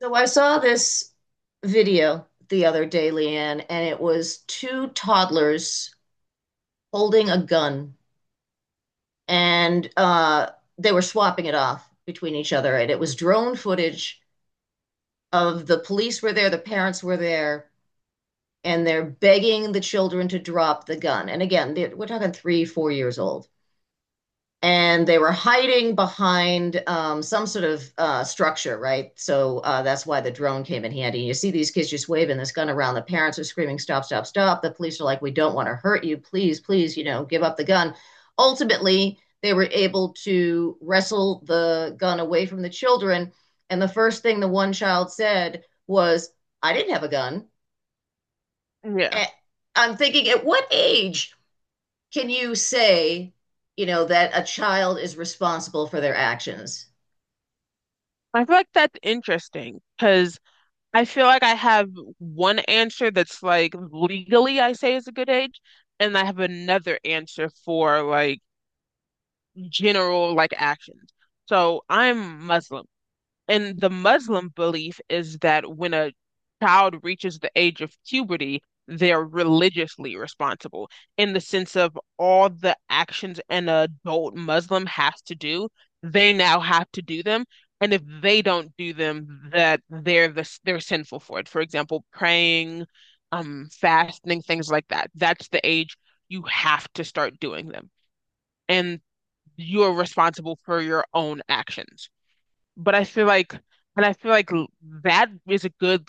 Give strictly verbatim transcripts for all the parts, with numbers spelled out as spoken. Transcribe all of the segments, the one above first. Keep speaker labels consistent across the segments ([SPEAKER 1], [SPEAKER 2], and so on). [SPEAKER 1] So I saw this video the other day, Leanne, and it was two toddlers holding a gun, and uh, they were swapping it off between each other. And it was drone footage of the police were there, the parents were there, and they're begging the children to drop the gun. And again, we're talking three, four years old. And they were hiding behind um, some sort of uh, structure, right? So uh, that's why the drone came in handy. And you see these kids just waving this gun around. The parents are screaming, "Stop! Stop! Stop!" The police are like, "We don't want to hurt you. Please, please, you know, give up the gun." Ultimately, they were able to wrestle the gun away from the children. And the first thing the one child said was, "I didn't have a gun."
[SPEAKER 2] Yeah.
[SPEAKER 1] Eh, I'm thinking, at what age can you say, you know, that a child is responsible for their actions?
[SPEAKER 2] I feel like that's interesting because I feel like I have one answer that's like legally I say is a good age, and I have another answer for like general like actions. So I'm Muslim. And the Muslim belief is that when a child reaches the age of puberty, they're religiously responsible in the sense of all the actions an adult Muslim has to do, they now have to do them. And if they don't do them, that they're the, they're sinful for it. For example, praying, um, fasting, things like that. That's the age you have to start doing them. And you're responsible for your own actions. But I feel like, and I feel like l- that is a good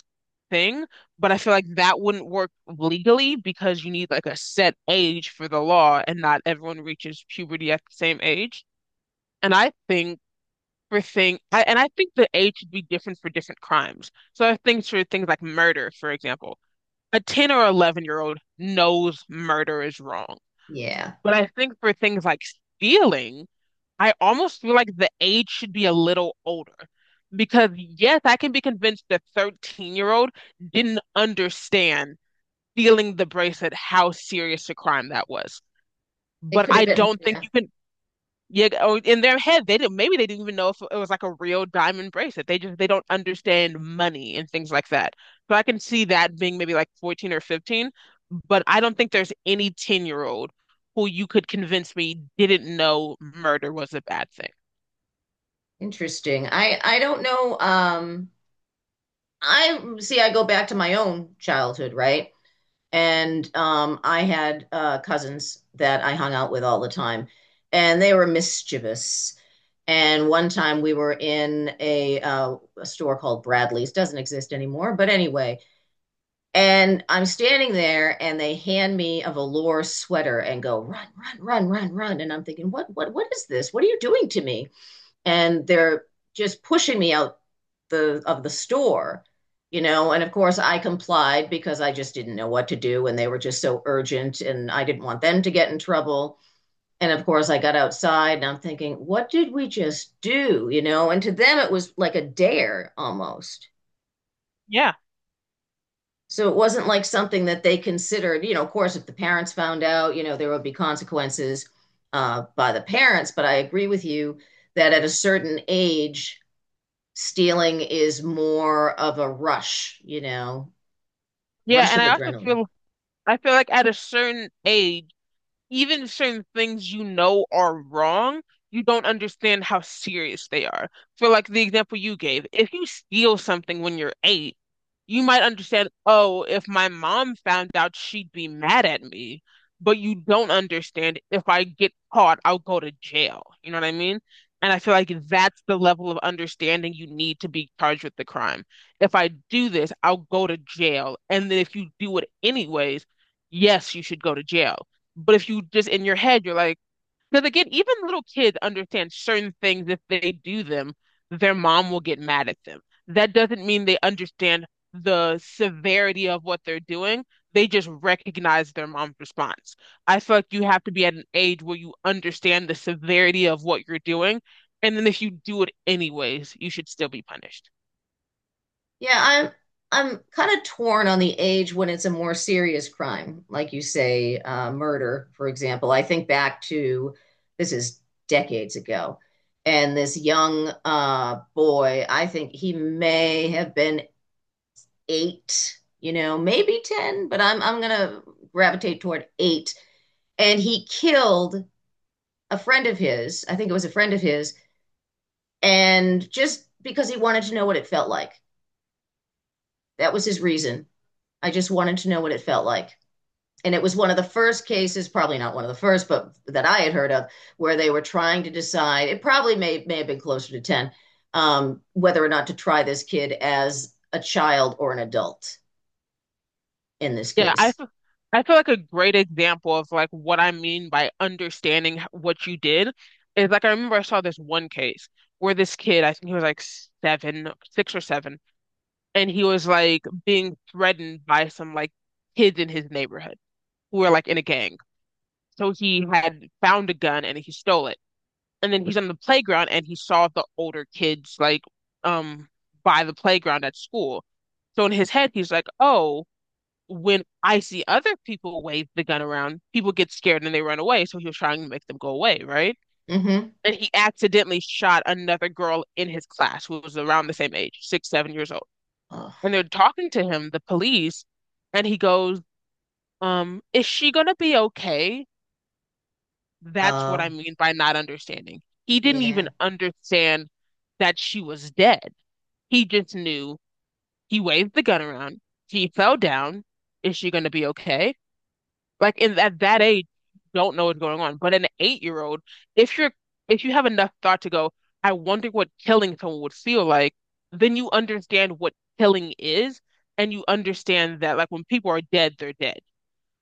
[SPEAKER 2] thing, but I feel like that wouldn't work legally because you need like a set age for the law and not everyone reaches puberty at the same age. And I think for thing, I, and I think the age should be different for different crimes. So I think for things like murder, for example, a ten or eleven year old knows murder is wrong.
[SPEAKER 1] Yeah,
[SPEAKER 2] But I think for things like stealing, I almost feel like the age should be a little older because, yes, I can be convinced the thirteen-year-old didn't understand feeling the bracelet, how serious a crime that was.
[SPEAKER 1] it
[SPEAKER 2] But
[SPEAKER 1] could
[SPEAKER 2] I
[SPEAKER 1] have been.
[SPEAKER 2] don't think
[SPEAKER 1] Yeah,
[SPEAKER 2] you can, yeah, or in their head, they didn't, maybe they didn't even know if it was like a real diamond bracelet. They just, they don't understand money and things like that. So I can see that being maybe like fourteen or fifteen, but I don't think there's any ten-year-old who you could convince me didn't know murder was a bad thing.
[SPEAKER 1] interesting. I I don't know. Um, I see. I go back to my own childhood, right? And um, I had uh, cousins that I hung out with all the time, and they were mischievous. And one time we were in a, uh, a store called Bradley's, doesn't exist anymore, but anyway. And I'm standing there and they hand me a velour sweater and go, run, run, run, run, run. And I'm thinking, what, what, what is this? What are you doing to me? And they're just pushing me out the of the store, you know. And of course I complied because I just didn't know what to do and they were just so urgent and I didn't want them to get in trouble. And of course I got outside and I'm thinking, what did we just do? You know, and to them it was like a dare almost.
[SPEAKER 2] Yeah,
[SPEAKER 1] So it wasn't like something that they considered. You know, of course, if the parents found out, you know, there would be consequences uh, by the parents. But I agree with you that at a certain age, stealing is more of a rush, you know,
[SPEAKER 2] yeah,
[SPEAKER 1] rush
[SPEAKER 2] and
[SPEAKER 1] of
[SPEAKER 2] I also
[SPEAKER 1] adrenaline.
[SPEAKER 2] feel I feel like at a certain age even if certain things you know are wrong, you don't understand how serious they are. For like the example you gave, if you steal something when you're eight, you might understand, oh, if my mom found out, she'd be mad at me. But you don't understand if I get caught, I'll go to jail. You know what I mean? And I feel like that's the level of understanding you need to be charged with the crime. If I do this, I'll go to jail. And then if you do it anyways, yes, you should go to jail but if you just in your head, you're like, because again, even little kids understand certain things. If they do them, their mom will get mad at them. That doesn't mean they understand the severity of what they're doing. They just recognize their mom's response. I feel like you have to be at an age where you understand the severity of what you're doing. And then if you do it anyways, you should still be punished.
[SPEAKER 1] Yeah, I'm I'm kind of torn on the age when it's a more serious crime, like you say, uh, murder, for example. I think back to, this is decades ago, and this young uh, boy, I think he may have been eight, you know, maybe ten, but I'm I'm gonna gravitate toward eight, and he killed a friend of his. I think it was a friend of his, and just because he wanted to know what it felt like. That was his reason. I just wanted to know what it felt like. And it was one of the first cases, probably not one of the first, but that I had heard of, where they were trying to decide. It probably may may have been closer to ten, um, whether or not to try this kid as a child or an adult in this
[SPEAKER 2] Yeah, I
[SPEAKER 1] case.
[SPEAKER 2] feel, I feel like a great example of like what I mean by understanding h- what you did is like I remember I saw this one case where this kid, I think he was like seven, no, six or seven, and he was like being threatened by some like kids in his neighborhood who were like in a gang. So he had found a gun and he stole it. And then he's on the playground and he saw the older kids like um by the playground at school. So in his head he's like, "Oh, when I see other people wave the gun around, people get scared and they run away." So he was trying to make them go away, right?
[SPEAKER 1] Mm-hmm.
[SPEAKER 2] And he accidentally shot another girl in his class who was around the same age, six, seven years old.
[SPEAKER 1] Oh,
[SPEAKER 2] And they're talking to him, the police, and he goes, um, is she gonna be okay? That's what I
[SPEAKER 1] oh,
[SPEAKER 2] mean by not understanding. He didn't even
[SPEAKER 1] yeah.
[SPEAKER 2] understand that she was dead. He just knew he waved the gun around. She fell down. Is she gonna be okay? Like in at that age, you don't know what's going on. But an eight-year-old, if you're if you have enough thought to go, I wonder what killing someone would feel like, then you understand what killing is, and you understand that like when people are dead, they're dead.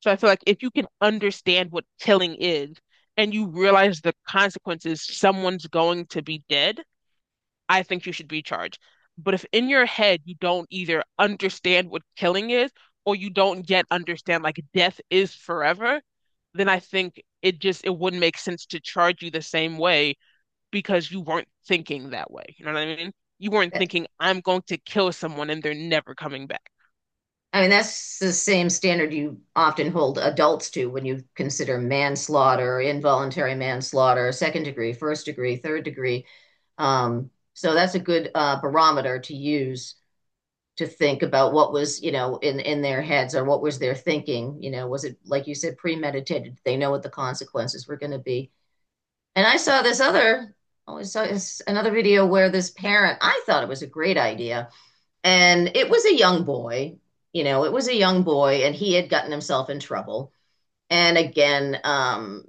[SPEAKER 2] So I feel like if you can understand what killing is and you realize the consequences, someone's going to be dead, I think you should be charged. But if in your head you don't either understand what killing is or you don't yet understand like death is forever, then I think it just it wouldn't make sense to charge you the same way because you weren't thinking that way. You know what I mean? You weren't thinking, I'm going to kill someone and they're never coming back.
[SPEAKER 1] I mean, that's the same standard you often hold adults to when you consider manslaughter, involuntary manslaughter, second degree, first degree, third degree. Um, so that's a good uh, barometer to use to think about what was you know in in their heads, or what was their thinking. You know was it, like you said, premeditated? They know what the consequences were going to be. And i saw this other oh, I saw this, another video where this parent, I thought it was a great idea, and it was a young boy. You know it was a young boy and he had gotten himself in trouble. And again, um,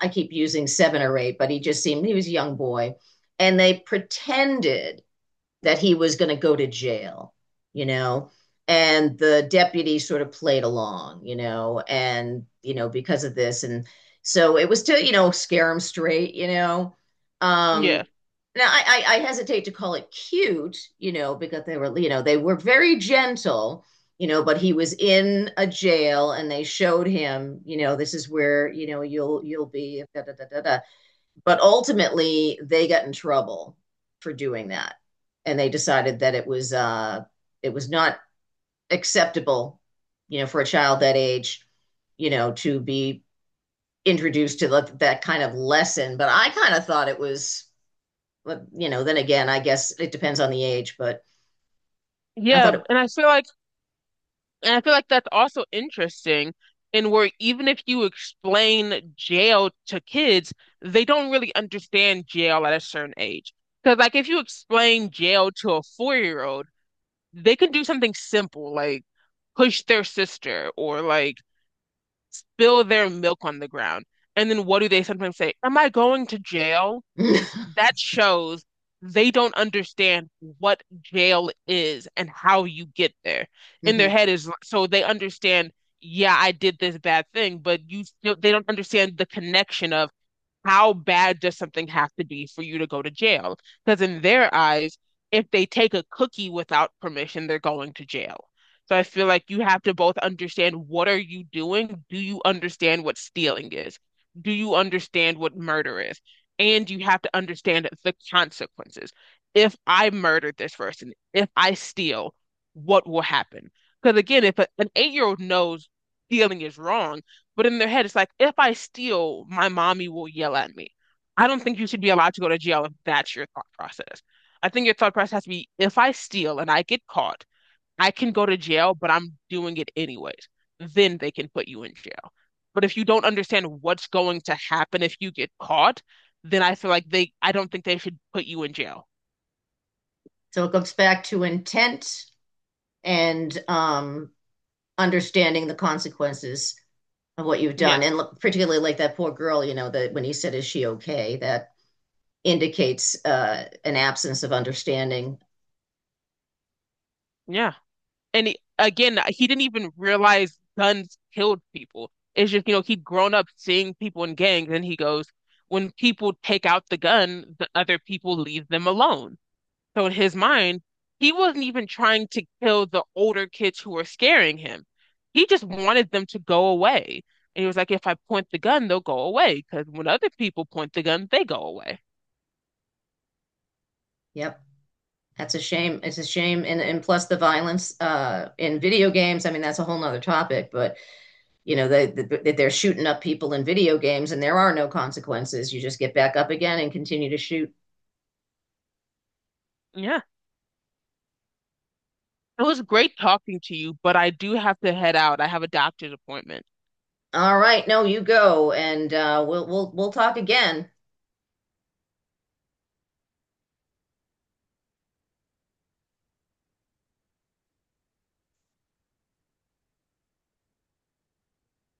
[SPEAKER 1] I keep using seven or eight, but he just seemed, he was a young boy. And they pretended that he was going to go to jail, you know? And the deputy sort of played along, you know, and, you know, because of this. And so it was to, you know, scare him straight, you know? Um,
[SPEAKER 2] Yeah.
[SPEAKER 1] now I, I, I hesitate to call it cute, you know, because they were, you know, they were very gentle, you know, but he was in a jail and they showed him, you know, this is where, you know, you'll, you'll be da, da, da, da, da. But ultimately, they got in trouble for doing that, and they decided that it was uh, it was not acceptable, you know, for a child that age, you know, to be introduced to that, that kind of lesson. But I kind of thought it was, you know, then again, I guess it depends on the age, but I
[SPEAKER 2] Yeah.
[SPEAKER 1] thought it.
[SPEAKER 2] And I feel like And I feel like that's also interesting in where even if you explain jail to kids, they don't really understand jail at a certain age. Because like if you explain jail to a four-year-old, they can do something simple like push their sister or like spill their milk on the ground. And then what do they sometimes say? Am I going to jail? That shows they don't understand what jail is and how you get there. In their
[SPEAKER 1] Mhm.
[SPEAKER 2] head is so they understand, yeah, I did this bad thing, but you still they don't understand the connection of how bad does something have to be for you to go to jail? Because in their eyes, if they take a cookie without permission, they're going to jail. So I feel like you have to both understand what are you doing? Do you understand what stealing is? Do you understand what murder is? And you have to understand the consequences. If I murder this person, if I steal, what will happen? Because again, if a, an eight-year-old knows stealing is wrong, but in their head, it's like, if I steal, my mommy will yell at me. I don't think you should be allowed to go to jail if that's your thought process. I think your thought process has to be, if I steal and I get caught, I can go to jail, but I'm doing it anyways. Then they can put you in jail. But if you don't understand what's going to happen if you get caught, then I feel like they, I don't think they should put you in jail.
[SPEAKER 1] So it goes back to intent and um, understanding the consequences of what you've done,
[SPEAKER 2] Yes.
[SPEAKER 1] and particularly, like that poor girl, you know that when he said, is she okay? That indicates uh an absence of understanding.
[SPEAKER 2] Yeah. And he, again, he didn't even realize guns killed people. It's just, you know, he'd grown up seeing people in gangs, and he goes, when people take out the gun, the other people leave them alone. So in his mind, he wasn't even trying to kill the older kids who were scaring him. He just wanted them to go away. And he was like, if I point the gun, they'll go away. Because when other people point the gun, they go away.
[SPEAKER 1] Yep, that's a shame. It's a shame. And and plus the violence uh in video games. I mean, that's a whole nother topic, but you know they, they they're shooting up people in video games and there are no consequences. You just get back up again and continue to shoot.
[SPEAKER 2] Yeah. It was great talking to you, but I do have to head out. I have a doctor's appointment.
[SPEAKER 1] All right, no, you go, and uh we'll we'll we'll talk again.